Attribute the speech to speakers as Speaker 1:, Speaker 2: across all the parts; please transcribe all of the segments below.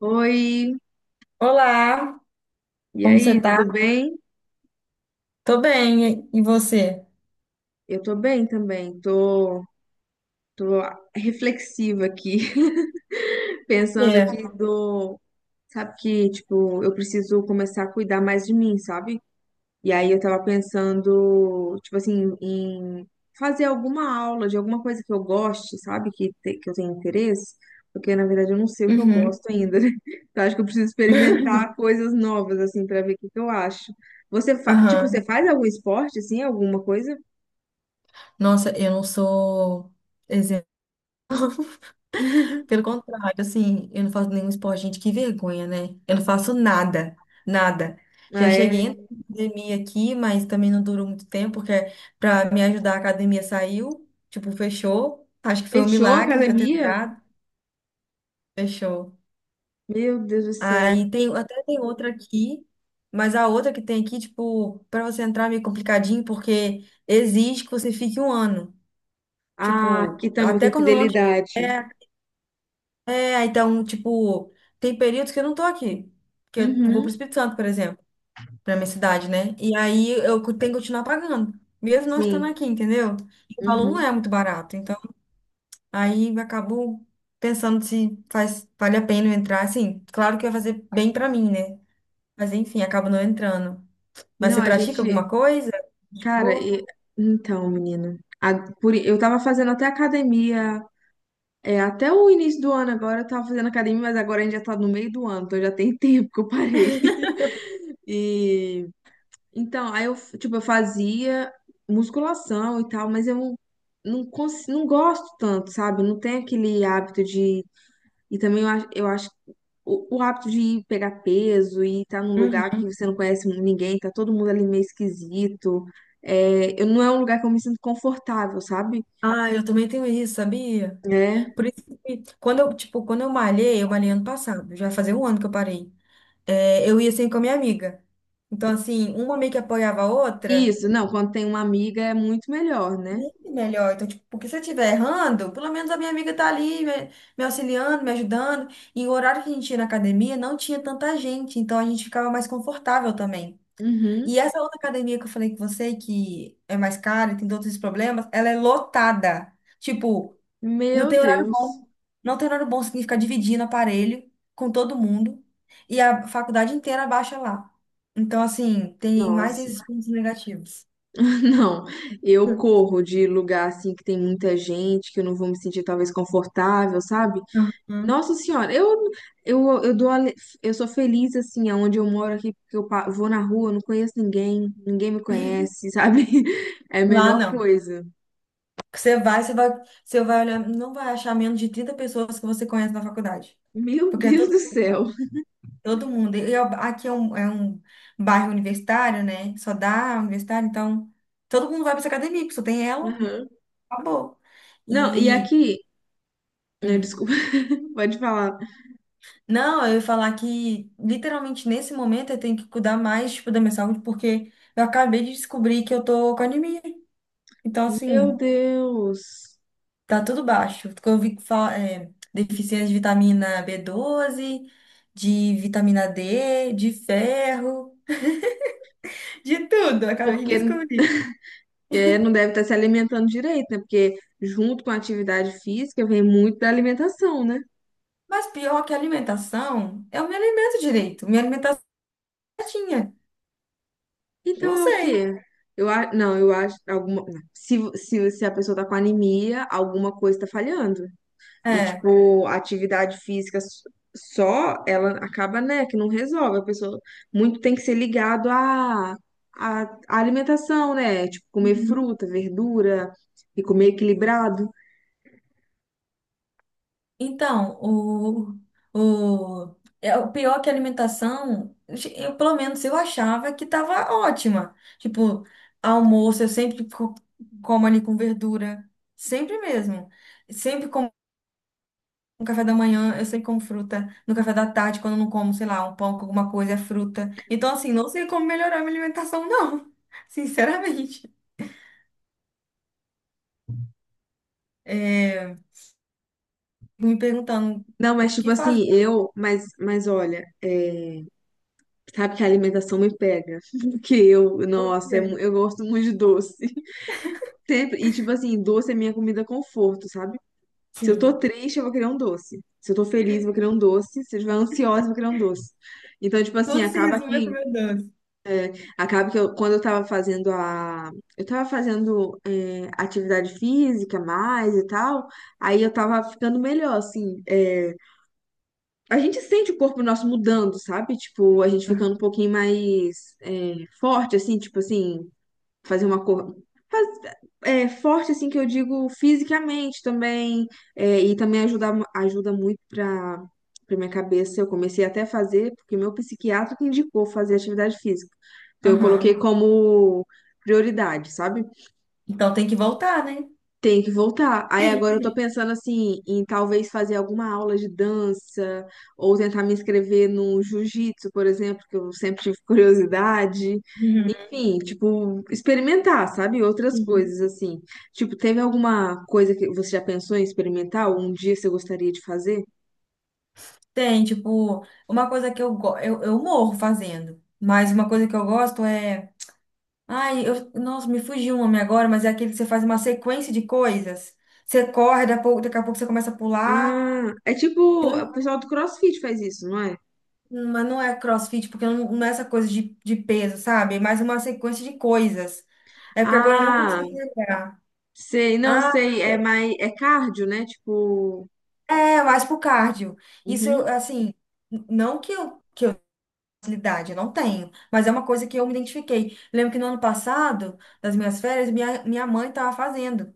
Speaker 1: Oi,
Speaker 2: Olá,
Speaker 1: e
Speaker 2: como você
Speaker 1: aí,
Speaker 2: tá?
Speaker 1: tudo bem?
Speaker 2: Tô bem, e você?
Speaker 1: Eu tô bem também, tô, tô reflexiva aqui, pensando aqui
Speaker 2: É.
Speaker 1: do, sabe que, tipo, eu preciso começar a cuidar mais de mim, sabe? E aí eu tava pensando, tipo assim, em fazer alguma aula de alguma coisa que eu goste, sabe? Que eu tenho interesse, porque na verdade eu não sei o que eu
Speaker 2: Uhum.
Speaker 1: gosto ainda, né? Então acho que eu preciso experimentar coisas novas, assim, pra ver o que que eu acho. Tipo, você
Speaker 2: Aham.
Speaker 1: faz algum esporte, assim, alguma coisa?
Speaker 2: Nossa, eu não sou exemplo. Pelo contrário, assim, eu não faço nenhum esporte, gente, que vergonha, né? Eu não faço nada, nada.
Speaker 1: Ah,
Speaker 2: Já
Speaker 1: é?
Speaker 2: cheguei na academia aqui, mas também não durou muito tempo, porque pra me ajudar a academia saiu, tipo, fechou. Acho que foi um
Speaker 1: Fechou a
Speaker 2: milagre de eu ter
Speaker 1: academia?
Speaker 2: entrado. Fechou.
Speaker 1: Meu Deus do céu.
Speaker 2: Aí tem, até tem outra aqui, mas a outra que tem aqui, tipo, para você entrar é meio complicadinho, porque exige que você fique um ano.
Speaker 1: Ah,
Speaker 2: Tipo,
Speaker 1: aqui também
Speaker 2: até
Speaker 1: tem
Speaker 2: quando não
Speaker 1: fidelidade.
Speaker 2: é, é, então, tipo, tem períodos que eu não tô aqui, que eu vou pro
Speaker 1: Uhum,
Speaker 2: Espírito Santo, por exemplo, pra minha cidade, né? E aí eu tenho que continuar pagando, mesmo não estando
Speaker 1: sim.
Speaker 2: aqui, entendeu? E o valor não
Speaker 1: Uhum.
Speaker 2: é muito barato, então aí eu acabo pensando se faz, vale a pena eu entrar, assim, claro que vai fazer bem pra mim, né? Mas enfim, acaba não entrando. Mas
Speaker 1: Não,
Speaker 2: você
Speaker 1: a
Speaker 2: pratica
Speaker 1: gente.
Speaker 2: alguma coisa?
Speaker 1: Cara,
Speaker 2: Tipo,
Speaker 1: e- então, menina, eu tava fazendo até academia. É, até o início do ano agora eu tava fazendo academia, mas agora a gente já tá no meio do ano, então já tem tempo que eu parei. E. Então, aí eu, tipo, eu fazia musculação e tal, mas eu não gosto tanto, sabe? Não tem aquele hábito de. E também eu acho que o hábito de ir pegar peso e estar num lugar
Speaker 2: uhum.
Speaker 1: que você não conhece ninguém, tá todo mundo ali meio esquisito. É, eu, não é um lugar que eu me sinto confortável, sabe?
Speaker 2: Ah, eu também tenho isso, sabia?
Speaker 1: É.
Speaker 2: Por isso que quando eu, tipo, quando eu malhei ano passado, já fazia um ano que eu parei. É, eu ia sempre com a minha amiga. Então, assim, uma meio que apoiava a outra,
Speaker 1: Isso, não, quando tem uma amiga é muito melhor, né?
Speaker 2: muito melhor. Então, tipo, porque se eu estiver errando, pelo menos a minha amiga tá ali me, me auxiliando, me ajudando. E o horário que a gente ia na academia não tinha tanta gente, então a gente ficava mais confortável também. E
Speaker 1: Uhum.
Speaker 2: essa outra academia que eu falei com você, que é mais cara e tem todos esses problemas, ela é lotada. Tipo, não
Speaker 1: Meu
Speaker 2: tem horário
Speaker 1: Deus.
Speaker 2: bom. Não tem horário bom, significa dividindo aparelho com todo mundo. E a faculdade inteira baixa lá. Então, assim, tem mais
Speaker 1: Nossa,
Speaker 2: esses pontos negativos.
Speaker 1: não. Eu corro de lugar assim que tem muita gente, que eu não vou me sentir talvez confortável, sabe?
Speaker 2: Uhum.
Speaker 1: Nossa senhora, eu, eu dou ale- eu sou feliz assim aonde eu moro aqui, porque vou na rua, não conheço ninguém, ninguém me conhece, sabe? É a
Speaker 2: Lá
Speaker 1: melhor
Speaker 2: não.
Speaker 1: coisa.
Speaker 2: Você vai, você vai, você vai, olhar, não vai achar menos de 30 pessoas que você conhece na faculdade.
Speaker 1: Meu
Speaker 2: Porque é
Speaker 1: Deus
Speaker 2: todo
Speaker 1: do céu.
Speaker 2: mundo. Todo mundo. E aqui é um bairro universitário, né? Só dá universitário, então todo mundo vai para essa academia, porque só tem ela,
Speaker 1: Aham.
Speaker 2: acabou.
Speaker 1: Não, e
Speaker 2: E.
Speaker 1: aqui, né,
Speaker 2: Hum.
Speaker 1: desculpa, pode falar.
Speaker 2: Não, eu ia falar que literalmente nesse momento eu tenho que cuidar mais, tipo, da minha saúde, porque eu acabei de descobrir que eu tô com anemia. Então,
Speaker 1: Meu
Speaker 2: assim,
Speaker 1: Deus.
Speaker 2: tá tudo baixo. Porque eu vi que fala, deficiência de vitamina B12, de vitamina D, de ferro, de tudo. Eu acabei de
Speaker 1: Porque
Speaker 2: descobrir.
Speaker 1: é, não deve estar se alimentando direito, né? Porque junto com a atividade física vem muito da alimentação, né?
Speaker 2: Mas pior que a alimentação, eu me alimento direito, minha alimentação é certinha.
Speaker 1: Então
Speaker 2: Não
Speaker 1: é o
Speaker 2: sei.
Speaker 1: quê? Não, eu acho alguma, se a pessoa tá com anemia, alguma coisa tá falhando. E,
Speaker 2: É.
Speaker 1: tipo, a atividade física, ela acaba, né, que não resolve. A pessoa muito tem que ser ligado à alimentação, né? Tipo, comer
Speaker 2: Uhum.
Speaker 1: fruta, verdura e comer equilibrado.
Speaker 2: Então, o, o, é o pior que a alimentação, eu, pelo menos eu achava que estava ótima. Tipo, almoço eu sempre como ali com verdura, sempre mesmo. Sempre como no café da manhã, eu sempre como fruta. No café da tarde, quando eu não como, sei lá, um pão com alguma coisa, é fruta. Então, assim, não sei como melhorar a minha alimentação, não. Sinceramente. é, me perguntando
Speaker 1: Não,
Speaker 2: o
Speaker 1: mas tipo
Speaker 2: que fazer,
Speaker 1: assim, mas olha, sabe que a alimentação me pega. Porque eu,
Speaker 2: o
Speaker 1: nossa,
Speaker 2: que.
Speaker 1: eu gosto muito de doce. Sempre. E, tipo assim, doce é minha comida conforto, sabe? Se eu tô
Speaker 2: Sim.
Speaker 1: triste, eu vou querer um doce. Se eu tô feliz, eu vou querer um doce. Se eu estiver ansiosa, eu vou querer um doce. Então, tipo assim,
Speaker 2: Tudo se resume a comer doce.
Speaker 1: acaba que eu, quando eu tava fazendo é, atividade física mais e tal, aí eu tava ficando melhor, assim. É, a gente sente o corpo nosso mudando, sabe? Tipo, a gente ficando um pouquinho mais é, forte, assim, tipo assim, fazer uma cor é, forte, assim, que eu digo fisicamente também, é, e também ajuda muito para para minha cabeça. Eu comecei até a fazer, porque meu psiquiatra que indicou fazer atividade física. Então, eu coloquei
Speaker 2: Aham.
Speaker 1: como prioridade, sabe?
Speaker 2: Então tem que voltar, né?
Speaker 1: Tem que voltar. Aí agora eu tô pensando assim, em talvez fazer alguma aula de dança, ou tentar me inscrever no jiu-jitsu, por exemplo, que eu sempre tive curiosidade.
Speaker 2: Uhum.
Speaker 1: Enfim, tipo, experimentar, sabe? Outras
Speaker 2: Sim.
Speaker 1: coisas assim. Tipo, teve alguma coisa que você já pensou em experimentar? Ou um dia você gostaria de fazer?
Speaker 2: Tem, tipo, uma coisa que eu morro fazendo, mas uma coisa que eu gosto é. Ai, eu, nossa, me fugiu o nome agora, mas é aquele que você faz uma sequência de coisas. Você corre, daqui a pouco você começa a pular,
Speaker 1: Ah, é tipo, o pessoal do CrossFit faz isso, não é?
Speaker 2: mas não é CrossFit, porque não, não é essa coisa de peso, sabe? É mais uma sequência de coisas. É porque agora eu não
Speaker 1: Ah,
Speaker 2: consigo lembrar.
Speaker 1: sei, não
Speaker 2: Ah,
Speaker 1: sei, é mais, é cardio, né? Tipo,
Speaker 2: é, mais pro cardio. Isso,
Speaker 1: uhum.
Speaker 2: eu, assim, não que eu facilidade, eu não tenho, mas é uma coisa que eu me identifiquei. Lembro que no ano passado, das minhas férias, minha mãe estava fazendo.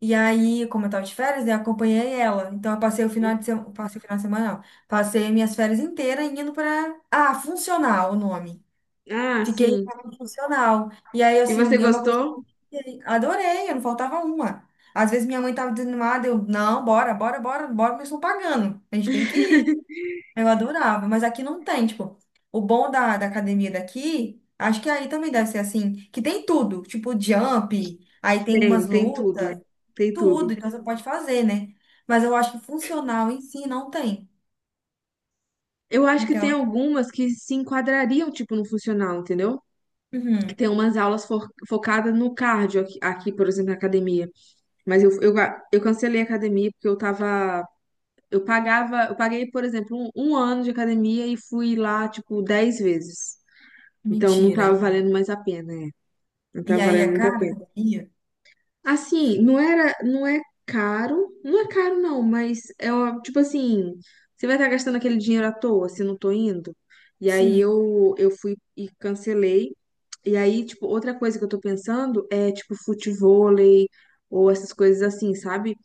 Speaker 2: E aí, como eu tava de férias, né, acompanhei ela. Então, eu passei o final de semana, passei o final de semana, não. Passei minhas férias inteiras indo para... Ah, funcional o nome.
Speaker 1: Ah,
Speaker 2: Fiquei
Speaker 1: sim.
Speaker 2: funcional. E aí,
Speaker 1: E você
Speaker 2: assim, é uma coisa que eu
Speaker 1: gostou?
Speaker 2: adorei, eu não faltava uma. Às vezes minha mãe tava desanimada, eu, não, bora, bora, bora, bora, mas estão pagando. A gente tem que ir. Eu adorava, mas aqui não tem, tipo, o bom da, da academia daqui, acho que aí também deve ser assim, que tem tudo, tipo jump, aí tem
Speaker 1: Tem,
Speaker 2: umas
Speaker 1: tem
Speaker 2: lutas,
Speaker 1: tudo. Tem tudo.
Speaker 2: tudo, então você pode fazer, né? Mas eu acho que funcional em si não tem.
Speaker 1: Eu acho que tem
Speaker 2: Então,
Speaker 1: algumas que se enquadrariam, tipo, no funcional, entendeu? Que
Speaker 2: uhum,
Speaker 1: tem umas aulas focadas no cardio aqui, aqui, por exemplo, na academia. Mas eu cancelei a academia porque eu tava. Eu pagava, eu paguei, por exemplo, um ano de academia e fui lá, tipo, 10 vezes. Então não tava
Speaker 2: mentira.
Speaker 1: valendo mais a pena, é. Não
Speaker 2: E
Speaker 1: tava
Speaker 2: aí
Speaker 1: valendo
Speaker 2: é
Speaker 1: muito a
Speaker 2: cara a
Speaker 1: pena.
Speaker 2: academia?
Speaker 1: Assim, não era, não é caro, não é caro não, mas é ó, tipo assim, você vai estar gastando aquele dinheiro à toa se não tô indo. E aí
Speaker 2: Sim.
Speaker 1: eu fui e cancelei. E aí, tipo, outra coisa que eu tô pensando é tipo futevôlei ou essas coisas assim, sabe?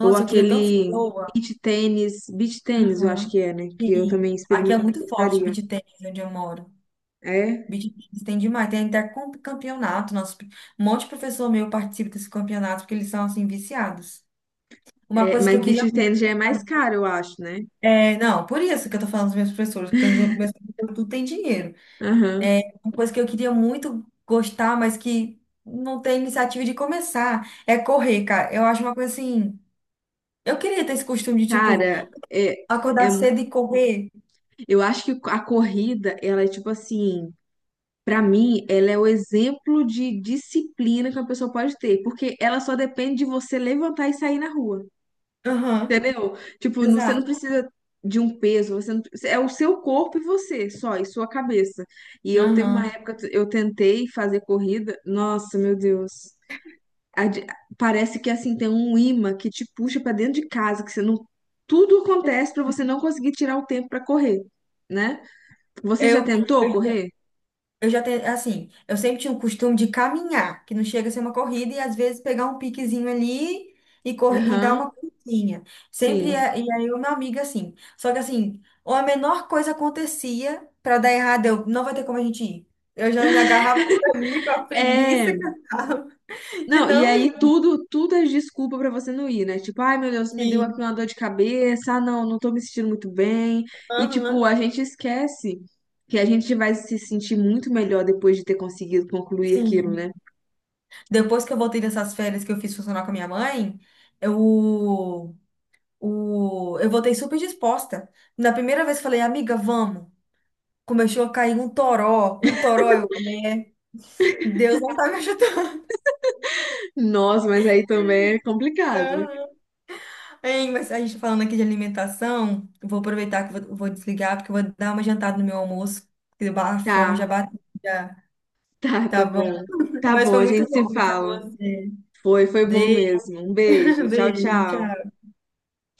Speaker 1: Ou
Speaker 2: eu queria tanto ser
Speaker 1: aquele
Speaker 2: boa.
Speaker 1: beach tênis, eu acho
Speaker 2: Uhum,
Speaker 1: que é, né? Que eu
Speaker 2: sim.
Speaker 1: também
Speaker 2: Aqui é muito forte
Speaker 1: gostaria.
Speaker 2: beach tennis, onde eu moro.
Speaker 1: É,
Speaker 2: Beach tennis tem demais. Tem até campeonato. Nosso, um monte de professor meu participa desse campeonato, porque eles são, assim, viciados. Uma
Speaker 1: é,
Speaker 2: coisa que eu
Speaker 1: mas
Speaker 2: queria
Speaker 1: beach
Speaker 2: muito.
Speaker 1: tênis já é mais caro, eu acho, né?
Speaker 2: É, não, por isso que eu tô falando dos meus professores, porque os meus professores tudo tem dinheiro.
Speaker 1: Aham.
Speaker 2: É uma coisa que eu queria muito gostar, mas que não tem iniciativa de começar, é correr, cara. Eu acho uma coisa assim. Eu queria ter esse costume de, tipo,
Speaker 1: Cara, é, é.
Speaker 2: acordar cedo e correr.
Speaker 1: Eu acho que a corrida, ela é tipo assim, pra mim, ela é o exemplo de disciplina que uma pessoa pode ter, porque ela só depende de você levantar e sair na rua,
Speaker 2: Aham.
Speaker 1: entendeu? Tipo, você não
Speaker 2: Exato.
Speaker 1: precisa de um peso, você não- é o seu corpo e você só, e sua cabeça. E eu teve uma
Speaker 2: Aham.
Speaker 1: época, eu tentei fazer corrida, nossa, meu Deus. A de- Parece que assim tem um imã que te puxa pra dentro de casa, que você não, tudo acontece pra você não conseguir tirar o tempo pra correr, né? Você já
Speaker 2: Eu,
Speaker 1: tentou
Speaker 2: eu,
Speaker 1: correr?
Speaker 2: eu já tenho, assim, eu sempre tinha o costume de caminhar, que não chega a ser uma corrida, e às vezes pegar um piquezinho ali e, cor, e dar
Speaker 1: Aham,
Speaker 2: uma corridinha. Sempre,
Speaker 1: sim.
Speaker 2: e aí eu, minha amiga, assim. Só que, assim, ou a menor coisa acontecia pra dar errado, eu, não vai ter como a gente ir. Eu já me agarrava ali com a
Speaker 1: É,
Speaker 2: preguiça que eu tava de
Speaker 1: não, e
Speaker 2: não ir.
Speaker 1: aí tudo, tudo é desculpa pra você não ir, né? Tipo, ai meu Deus, me deu aqui
Speaker 2: Sim.
Speaker 1: uma dor de cabeça, ah não, não tô me sentindo muito bem. E tipo,
Speaker 2: Aham.
Speaker 1: a gente esquece que a gente vai se sentir muito melhor depois de ter conseguido concluir aquilo,
Speaker 2: Sim.
Speaker 1: né?
Speaker 2: Depois que eu voltei dessas férias que eu fiz funcionar com a minha mãe, eu. O... Eu voltei super disposta. Na primeira vez falei, amiga, vamos. Começou a cair um toró, um toró. Eu, é, Deus não tá me ajudando.
Speaker 1: Nossa, mas aí também é complicado.
Speaker 2: Hein, mas a gente tá falando aqui de alimentação, eu vou aproveitar que vou desligar, porque eu vou dar uma jantada no meu almoço. Porque a fome já
Speaker 1: Tá,
Speaker 2: bateu, já.
Speaker 1: tá, tá
Speaker 2: Tá bom?
Speaker 1: bom. Tá
Speaker 2: Mas
Speaker 1: bom,
Speaker 2: foi
Speaker 1: a
Speaker 2: muito
Speaker 1: gente se
Speaker 2: bom conversar com
Speaker 1: fala.
Speaker 2: você.
Speaker 1: Foi, foi bom
Speaker 2: Beijo,
Speaker 1: mesmo. Um beijo, tchau,
Speaker 2: beijo,
Speaker 1: tchau.
Speaker 2: tchau.